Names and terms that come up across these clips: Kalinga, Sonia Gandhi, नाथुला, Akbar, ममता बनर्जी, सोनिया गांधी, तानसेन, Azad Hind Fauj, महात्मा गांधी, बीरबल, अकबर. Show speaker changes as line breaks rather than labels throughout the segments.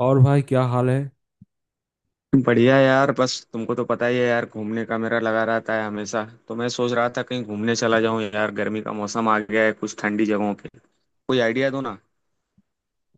और भाई, क्या हाल है।
बढ़िया यार। बस तुमको तो पता ही है यार, घूमने का मेरा लगा रहता है हमेशा। तो मैं सोच रहा था कहीं घूमने चला जाऊं यार। गर्मी का मौसम आ गया है, कुछ ठंडी जगहों पे कोई आइडिया दो ना।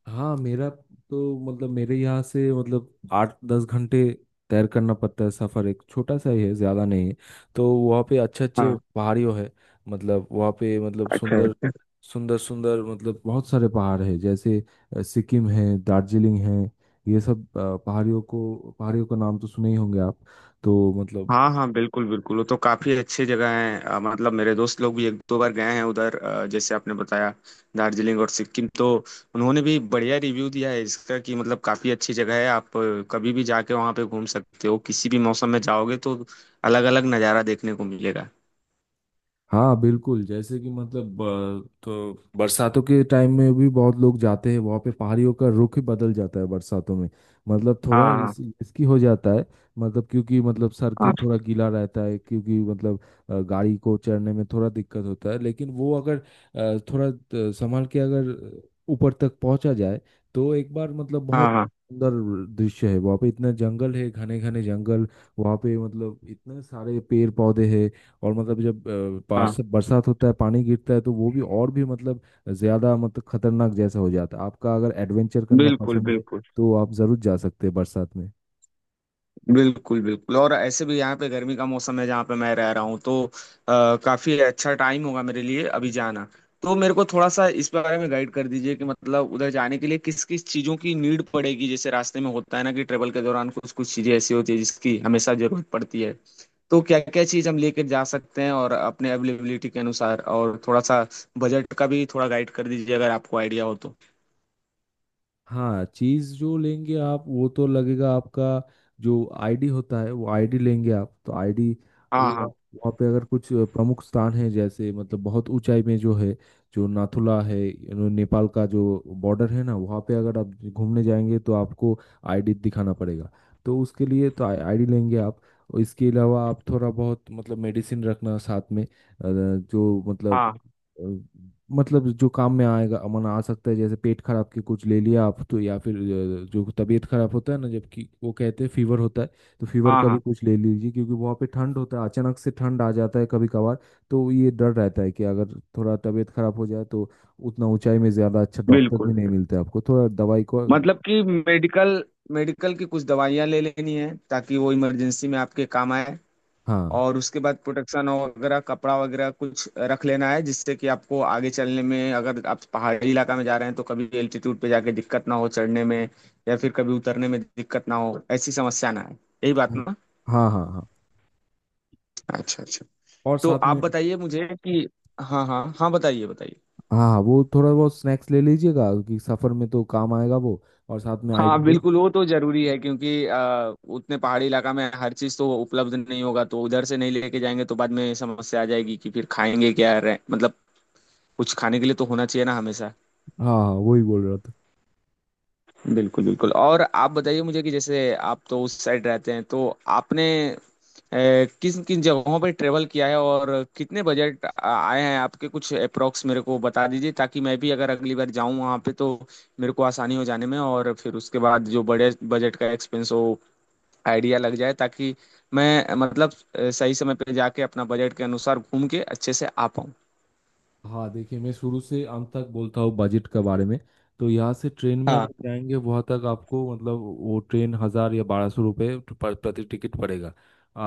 हाँ, मेरा तो मतलब मेरे यहाँ से मतलब 8-10 घंटे तैर करना पड़ता है। सफ़र एक छोटा सा ही है, ज़्यादा नहीं है। तो वहाँ पे अच्छे अच्छे
हाँ।
पहाड़ियों है। मतलब वहाँ पे मतलब
अच्छा
सुंदर
अच्छा।
सुंदर सुंदर मतलब बहुत सारे पहाड़ है, जैसे सिक्किम है, दार्जिलिंग है। ये सब पहाड़ियों को, पहाड़ियों का नाम तो सुने ही होंगे आप। तो मतलब,
हाँ हाँ बिल्कुल बिल्कुल, वो तो काफी अच्छी जगह है। मतलब मेरे दोस्त लोग भी एक दो बार गए हैं उधर। जैसे आपने बताया, दार्जिलिंग और सिक्किम तो उन्होंने भी बढ़िया रिव्यू दिया है इसका कि मतलब काफी अच्छी जगह है। आप कभी भी जाके वहाँ पे घूम सकते हो, किसी भी मौसम में जाओगे तो अलग अलग नज़ारा देखने को मिलेगा।
हाँ बिल्कुल, जैसे कि मतलब तो बरसातों के टाइम में भी बहुत लोग जाते हैं वहाँ पे। पहाड़ियों का रुख ही बदल जाता है बरसातों में। मतलब थोड़ा
हाँ हाँ
रिस्की हो जाता है। मतलब, क्योंकि मतलब सड़कें
हाँ
थोड़ा गीला रहता है, क्योंकि मतलब गाड़ी को चढ़ने में थोड़ा दिक्कत होता है। लेकिन वो अगर थोड़ा संभाल के अगर ऊपर तक पहुँचा जाए, तो एक बार मतलब
हाँ
बहुत
हाँ
सुंदर दृश्य है वहाँ पे। इतना जंगल है, घने घने जंगल। वहाँ पे मतलब इतने सारे पेड़ पौधे हैं। और मतलब जब
हाँ,
पार्स बरसात होता है, पानी गिरता है, तो वो भी और भी मतलब ज़्यादा मतलब खतरनाक जैसा हो जाता है। आपका अगर एडवेंचर करना
बिल्कुल
पसंद है,
बिल्कुल
तो आप ज़रूर जा सकते हैं बरसात में।
बिल्कुल बिल्कुल। और ऐसे भी यहाँ पे गर्मी का मौसम है जहाँ पे मैं रह रहा हूँ। तो काफी अच्छा टाइम होगा मेरे लिए अभी जाना। तो मेरे को थोड़ा सा इस बारे में गाइड कर दीजिए कि मतलब उधर जाने के लिए किस किस चीजों की नीड पड़ेगी। जैसे रास्ते में होता है ना कि ट्रेवल के दौरान कुछ कुछ चीजें ऐसी होती है जिसकी हमेशा जरूरत पड़ती है। तो क्या क्या चीज हम लेकर जा सकते हैं, और अपने अवेलेबिलिटी के अनुसार और थोड़ा सा बजट का भी थोड़ा गाइड कर दीजिए अगर आपको आइडिया हो तो।
हाँ, चीज जो लेंगे आप वो तो लगेगा आपका। जो आईडी होता है, वो आईडी लेंगे आप। तो आईडी वो
हाँ हाँ
वहाँ पे अगर कुछ प्रमुख स्थान है, जैसे मतलब बहुत ऊंचाई में जो है, जो नाथुला है, यू नो, नेपाल का जो बॉर्डर है ना, वहाँ पे अगर आप घूमने जाएंगे तो आपको आईडी दिखाना पड़ेगा। तो उसके लिए तो आईडी लेंगे आप। और इसके अलावा आप थोड़ा बहुत मतलब मेडिसिन रखना साथ में। जो मतलब
हाँ
अ, मतलब जो काम में आएगा, अमन आ सकता है। जैसे पेट खराब के कुछ ले लिया आप तो, या फिर जो तबीयत खराब होता है ना, जबकि वो कहते हैं फीवर होता है, तो
हाँ
फीवर
हाँ
का भी
हाँ,
कुछ ले लीजिए। क्योंकि वहाँ पे ठंड होता है, अचानक से ठंड आ जाता है कभी कभार। तो ये डर रहता है कि अगर थोड़ा तबीयत खराब हो जाए, तो उतना ऊंचाई में ज्यादा अच्छा डॉक्टर
बिल्कुल।
भी नहीं मिलते आपको थोड़ा दवाई को।
मतलब कि मेडिकल, मेडिकल की कुछ दवाइयाँ ले लेनी है ताकि वो इमरजेंसी में आपके काम आए।
हाँ,
और उसके बाद प्रोटेक्शन वगैरह, कपड़ा वगैरह कुछ रख लेना है जिससे कि आपको आगे चलने में, अगर आप पहाड़ी इलाका में जा रहे हैं तो कभी एल्टीट्यूड पे जाके दिक्कत ना हो चढ़ने में, या फिर कभी उतरने में दिक्कत ना हो, ऐसी समस्या ना आए। यही बात
हाँ,
ना।
हाँ, हाँ, हाँ।
अच्छा अच्छा।
और
तो
साथ
आप
में,
बताइए मुझे कि, हाँ हाँ हाँ, बताइए बताइए।
हाँ हाँ, वो थोड़ा बहुत स्नैक्स ले लीजिएगा, क्योंकि सफर में तो काम आएगा वो। और साथ में आईडी
हाँ
प्रूफ।
बिल्कुल, वो तो जरूरी है। क्योंकि उतने पहाड़ी इलाका में हर चीज तो उपलब्ध नहीं होगा। तो उधर से नहीं लेके जाएंगे तो बाद में समस्या आ जाएगी कि फिर खाएंगे क्या, रह मतलब कुछ खाने के लिए तो होना चाहिए ना हमेशा।
हाँ हाँ, वही बोल रहा था।
बिल्कुल बिल्कुल। और आप बताइए मुझे कि जैसे आप तो उस साइड रहते हैं तो आपने किन किन जगहों पर ट्रेवल किया है और कितने बजट आए हैं आपके? कुछ अप्रोक्स मेरे को बता दीजिए ताकि मैं भी अगर अगली बार जाऊं वहां पे तो मेरे को आसानी हो जाने में, और फिर उसके बाद जो बड़े बजट का एक्सपेंस हो आइडिया लग जाए ताकि मैं मतलब सही समय पे जाके अपना बजट के अनुसार घूम के अच्छे से आ पाऊँ।
हाँ, देखिए, मैं शुरू से अंत तक बोलता हूँ बजट के बारे में। तो यहाँ से ट्रेन में
हाँ।
अगर जाएंगे वहाँ तक, आपको मतलब वो ट्रेन 1000 या 1200 रुपये पर प्रति टिकट पड़ेगा।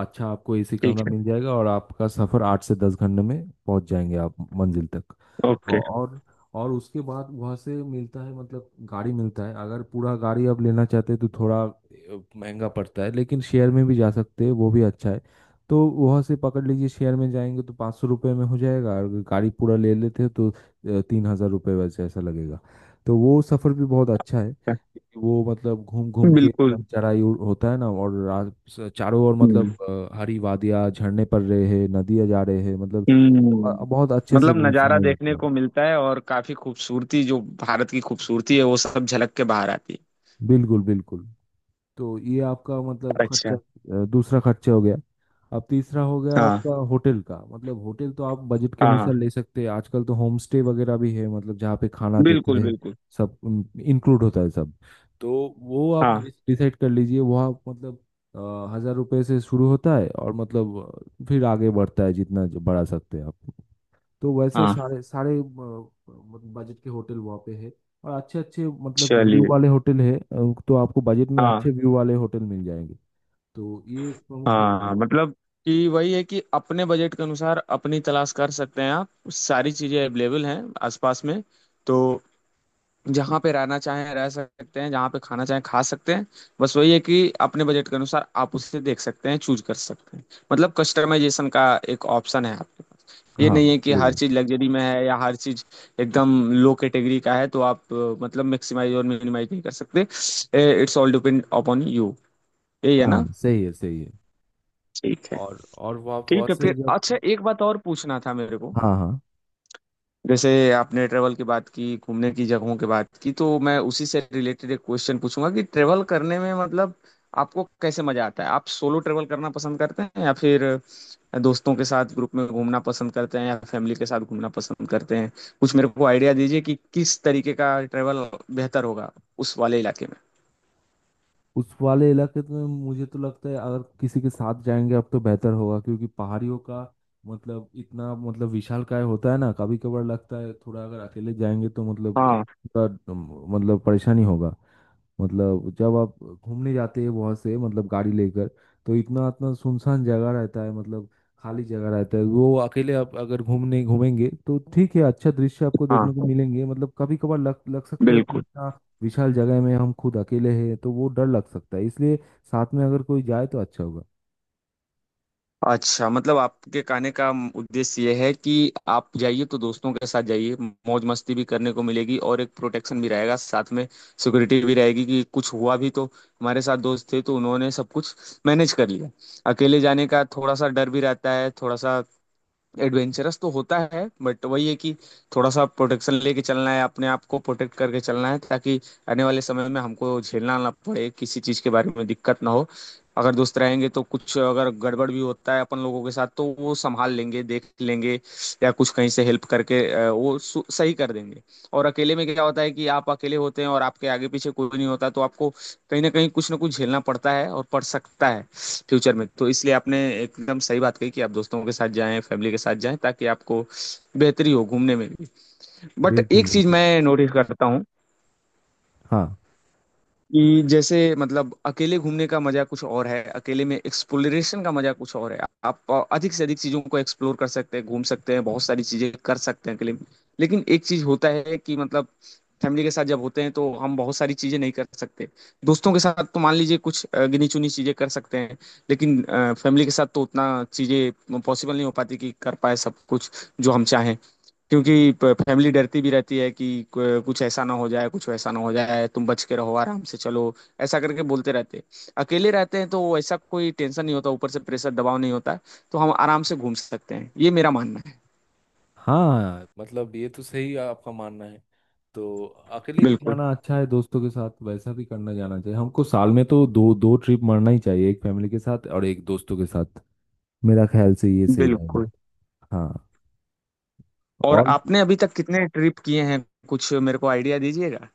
अच्छा, आपको एसी
ठीक
कमरा
है।
मिल जाएगा और आपका सफ़र 8 से 10 घंटे में पहुँच जाएंगे आप मंजिल तक।
ओके।
औ- और और उसके बाद वहाँ से मिलता है, मतलब गाड़ी मिलता है। अगर पूरा गाड़ी आप लेना चाहते हैं तो थोड़ा महंगा पड़ता है, लेकिन शेयर में भी जा सकते हैं, वो भी अच्छा है। तो वहाँ से पकड़ लीजिए, शेयर में जाएंगे तो 500 रुपये में हो जाएगा। और अगर गाड़ी पूरा ले लेते हैं, तो 3000 रुपये वैसे ऐसा लगेगा। तो वो सफ़र भी बहुत अच्छा है, क्योंकि वो मतलब घूम घूम के
बिल्कुल।
एकदम चराई होता है ना। और चारों ओर मतलब
हम्म।
हरी वादियाँ, झरने पड़ रहे हैं, नदियाँ जा रहे हैं, मतलब
हम्म।
बहुत अच्छे से
मतलब
वो
नज़ारा
समय बीतता
देखने
है।
को मिलता है और काफी खूबसूरती जो भारत की खूबसूरती है वो सब झलक के बाहर आती
बिल्कुल बिल्कुल। तो ये आपका मतलब
है।
खर्चा,
अच्छा।
दूसरा खर्चा हो गया। अब तीसरा हो गया
हाँ
आपका होटल का। मतलब होटल तो आप बजट के
हाँ हाँ
अनुसार ले सकते हैं। आजकल तो होम स्टे वगैरह भी है, मतलब जहाँ पे खाना देते
बिल्कुल
हैं,
बिल्कुल।
सब इंक्लूड होता है सब। तो वो आप
हाँ
डिसाइड कर लीजिए। वो आप मतलब 1000 रुपए से शुरू होता है और मतलब फिर आगे बढ़ता है जितना जो बढ़ा सकते हैं आप। तो वैसा
हाँ।
सारे सारे बजट के होटल वहाँ पे है। और अच्छे अच्छे मतलब व्यू
चलिए।
वाले होटल है। तो आपको बजट में अच्छे
हाँ
व्यू वाले होटल मिल जाएंगे। तो ये एक प्रमुख
हाँ। मतलब कि वही है कि अपने बजट के अनुसार अपनी तलाश कर सकते हैं आप। सारी चीजें अवेलेबल हैं आसपास में। तो जहाँ पे रहना चाहें रह सकते हैं, जहाँ पे खाना चाहें खा सकते हैं। बस वही है कि अपने बजट के अनुसार आप उसे देख सकते हैं, चूज कर सकते हैं। मतलब कस्टमाइजेशन का एक ऑप्शन है आपके पास। ये
हाँ,
नहीं है कि
सही
हर
है।
चीज लग्जरी में है या हर चीज एकदम लो कैटेगरी का है। तो आप मतलब मैक्सिमाइज और मिनिमाइज नहीं कर सकते। It's all depend upon you. यही है ना।
हाँ सही है, सही है।
ठीक है। ठीक।
और वो आप वहाँ
ठीक है
से
फिर।
जब,
अच्छा, एक बात और पूछना था मेरे को।
हाँ हाँ,
जैसे आपने ट्रेवल की बात की, घूमने की जगहों की बात की, तो मैं उसी से रिलेटेड एक क्वेश्चन पूछूंगा कि ट्रेवल करने में मतलब आपको कैसे मजा आता है? आप सोलो ट्रेवल करना पसंद करते हैं या फिर दोस्तों के साथ ग्रुप में घूमना पसंद करते हैं या फैमिली के साथ घूमना पसंद करते हैं? कुछ मेरे को आइडिया दीजिए कि किस तरीके का ट्रेवल बेहतर होगा उस वाले इलाके में।
उस वाले इलाके में मुझे तो लगता है अगर किसी के साथ जाएंगे अब तो बेहतर होगा, क्योंकि पहाड़ियों का मतलब इतना मतलब विशालकाय होता है ना। कभी कभार लगता है थोड़ा अगर अकेले जाएंगे तो मतलब
हाँ
मतलब परेशानी होगा। मतलब जब आप घूमने जाते हैं वहाँ से, मतलब गाड़ी लेकर, तो इतना इतना सुनसान जगह रहता है, मतलब खाली जगह रहता है। वो अकेले आप अगर घूमने घूमेंगे तो ठीक है, अच्छा दृश्य आपको देखने
हाँ।
को मिलेंगे। मतलब कभी कभार लग लग सकता है कि
बिल्कुल।
इतना विशाल जगह में हम खुद अकेले हैं, तो वो डर लग सकता है। इसलिए साथ में अगर कोई जाए तो अच्छा होगा।
अच्छा, मतलब आपके कहने का उद्देश्य यह है कि आप जाइए तो दोस्तों के साथ जाइए। मौज मस्ती भी करने को मिलेगी और एक प्रोटेक्शन भी रहेगा साथ में, सिक्योरिटी भी रहेगी कि कुछ हुआ भी तो हमारे साथ दोस्त थे तो उन्होंने सब कुछ मैनेज कर लिया। अकेले जाने का थोड़ा सा डर भी रहता है। थोड़ा सा एडवेंचरस तो होता है, बट वही है कि थोड़ा सा प्रोटेक्शन लेके चलना है, अपने आप को प्रोटेक्ट करके चलना है ताकि आने वाले समय में हमको झेलना ना पड़े किसी चीज़ के बारे में, दिक्कत ना हो। अगर दोस्त रहेंगे तो कुछ अगर गड़बड़ भी होता है अपन लोगों के साथ तो वो संभाल लेंगे, देख लेंगे, या कुछ कहीं से हेल्प करके वो सही कर देंगे। और अकेले में क्या होता है कि आप अकेले होते हैं और आपके आगे पीछे कोई नहीं होता, तो आपको कहीं ना कहीं कुछ ना कुछ झेलना पड़ता है और पड़ सकता है फ्यूचर में। तो इसलिए आपने एकदम सही बात कही कि आप दोस्तों के साथ जाएं फैमिली के साथ जाएं ताकि आपको बेहतरी हो घूमने में भी। बट
बिल्कुल
एक चीज
बिल्कुल।
मैं नोटिस करता हूँ
हाँ
कि जैसे मतलब अकेले घूमने का मजा कुछ और है, अकेले में एक्सप्लोरेशन का मजा कुछ और है। आप अधिक से अधिक चीजों को एक्सप्लोर कर सकते हैं, घूम सकते हैं, बहुत सारी चीजें कर सकते हैं अकेले में। लेकिन एक चीज होता है कि मतलब फैमिली के साथ जब होते हैं तो हम बहुत सारी चीजें नहीं कर सकते। दोस्तों के साथ तो मान लीजिए कुछ गिनी चुनी चीजें कर सकते हैं। लेकिन फैमिली के साथ तो उतना चीजें पॉसिबल नहीं हो पाती कि कर पाए सब कुछ जो हम चाहें। क्योंकि फैमिली डरती भी रहती है कि कुछ ऐसा ना हो जाए, कुछ वैसा ना हो जाए, तुम बच के रहो, आराम से चलो, ऐसा करके बोलते रहते हैं। अकेले रहते हैं तो ऐसा कोई टेंशन नहीं होता, ऊपर से प्रेशर दबाव नहीं होता। तो हम आराम से घूम सकते हैं, ये मेरा मानना है।
हाँ, मतलब ये तो सही आपका मानना है। तो अकेले भी
बिल्कुल
जाना अच्छा है, दोस्तों के साथ वैसा भी करना जाना चाहिए। हमको साल में तो दो दो ट्रिप मारना ही चाहिए, एक फैमिली के साथ और एक दोस्तों के साथ। मेरा ख्याल से ये सही रहेगा।
बिल्कुल।
हाँ।
और
और
आपने अभी तक कितने ट्रिप किए हैं? कुछ मेरे को आइडिया दीजिएगा।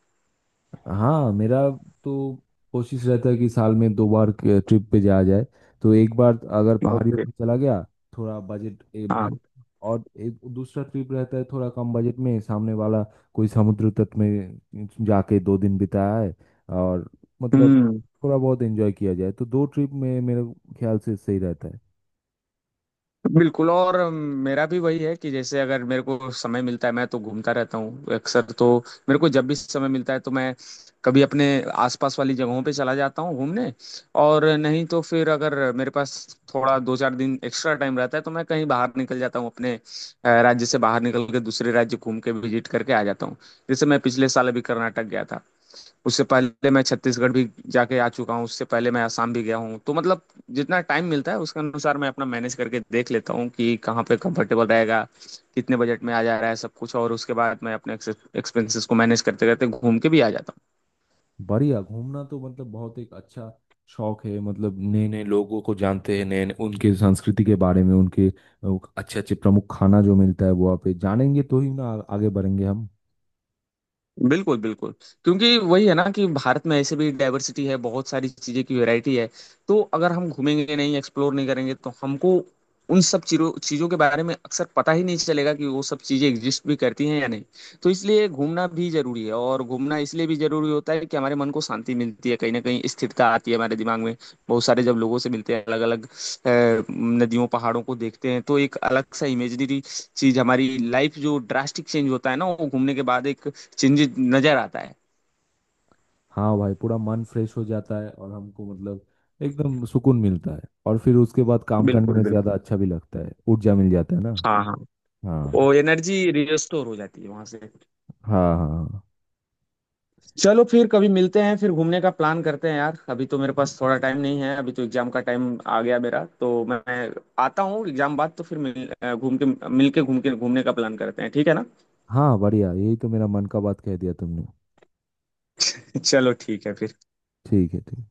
हाँ, मेरा तो कोशिश रहता है कि साल में 2 बार ट्रिप पे जाया जाए। तो एक बार अगर पहाड़ियों
ओके।
पे चला गया, थोड़ा बजट
हाँ।
भारी। और एक दूसरा ट्रिप रहता है थोड़ा कम बजट में सामने वाला, कोई समुद्र तट में जाके 2 दिन बिताया है। और मतलब
हम्म।
थोड़ा बहुत एंजॉय किया जाए, तो दो ट्रिप में मेरे ख्याल से सही रहता है।
बिल्कुल। और मेरा भी वही है कि जैसे अगर मेरे को समय मिलता है मैं तो घूमता रहता हूँ अक्सर। तो मेरे को जब भी समय मिलता है तो मैं कभी अपने आसपास वाली जगहों पे चला जाता हूँ घूमने, और नहीं तो फिर अगर मेरे पास थोड़ा दो चार दिन एक्स्ट्रा टाइम रहता है तो मैं कहीं बाहर निकल जाता हूँ, अपने राज्य से बाहर निकल के दूसरे राज्य घूम के विजिट करके आ जाता हूँ। जैसे मैं पिछले साल अभी कर्नाटक गया था, उससे पहले मैं छत्तीसगढ़ भी जाके आ चुका हूँ, उससे पहले मैं आसाम भी गया हूँ। तो मतलब जितना टाइम मिलता है उसके अनुसार मैं अपना मैनेज करके देख लेता हूँ कि कहाँ पे कंफर्टेबल रहेगा, कितने बजट में आ जा रहा है सब कुछ, और उसके बाद मैं अपने एक्सपेंसेस को मैनेज करते करते घूम के भी आ जाता।
बढ़िया, घूमना तो मतलब बहुत एक अच्छा शौक है। मतलब नए नए लोगों को जानते हैं, नए नए उनके संस्कृति के बारे में, उनके अच्छे अच्छे प्रमुख खाना जो मिलता है वो आप जानेंगे तो ही ना आगे बढ़ेंगे हम।
बिल्कुल बिल्कुल। क्योंकि वही है ना कि भारत में ऐसे भी डाइवर्सिटी है, बहुत सारी चीजें की वैरायटी है। तो अगर हम घूमेंगे नहीं, एक्सप्लोर नहीं करेंगे तो हमको उन सब चीजों चीजों के बारे में अक्सर पता ही नहीं चलेगा कि वो सब चीजें एग्जिस्ट भी करती हैं या नहीं। तो इसलिए घूमना भी जरूरी है। और घूमना इसलिए भी जरूरी होता है कि हमारे मन को शांति मिलती है, कहीं ना कहीं स्थिरता आती है हमारे दिमाग में। बहुत सारे जब लोगों से मिलते हैं, अलग अलग नदियों पहाड़ों को देखते हैं, तो एक अलग सा इमेजिनरी चीज हमारी लाइफ जो ड्रास्टिक चेंज होता है ना वो घूमने के बाद एक चेंजेस नजर आता है।
हाँ भाई, पूरा मन फ्रेश हो जाता है और हमको मतलब एकदम सुकून मिलता है। और फिर उसके बाद काम करने
बिल्कुल
में ज्यादा
बिल्कुल।
अच्छा भी लगता है, ऊर्जा मिल जाता है ना।
हाँ हाँ।
हाँ,
वो एनर्जी रिस्टोर हो जाती है वहां से।
हाँ, हाँ, हाँ,
चलो फिर कभी मिलते हैं, फिर घूमने का प्लान करते हैं यार। अभी तो मेरे पास थोड़ा टाइम नहीं है, अभी तो एग्जाम का टाइम आ गया मेरा। तो मैं आता हूँ एग्जाम बाद, तो फिर मिल घूम के मिल के घूम के घूमने का प्लान करते हैं, ठीक है ना?
हाँ, बढ़िया, यही तो मेरा मन का बात कह दिया तुमने।
चलो ठीक है फिर।
ठीक है, ठीक।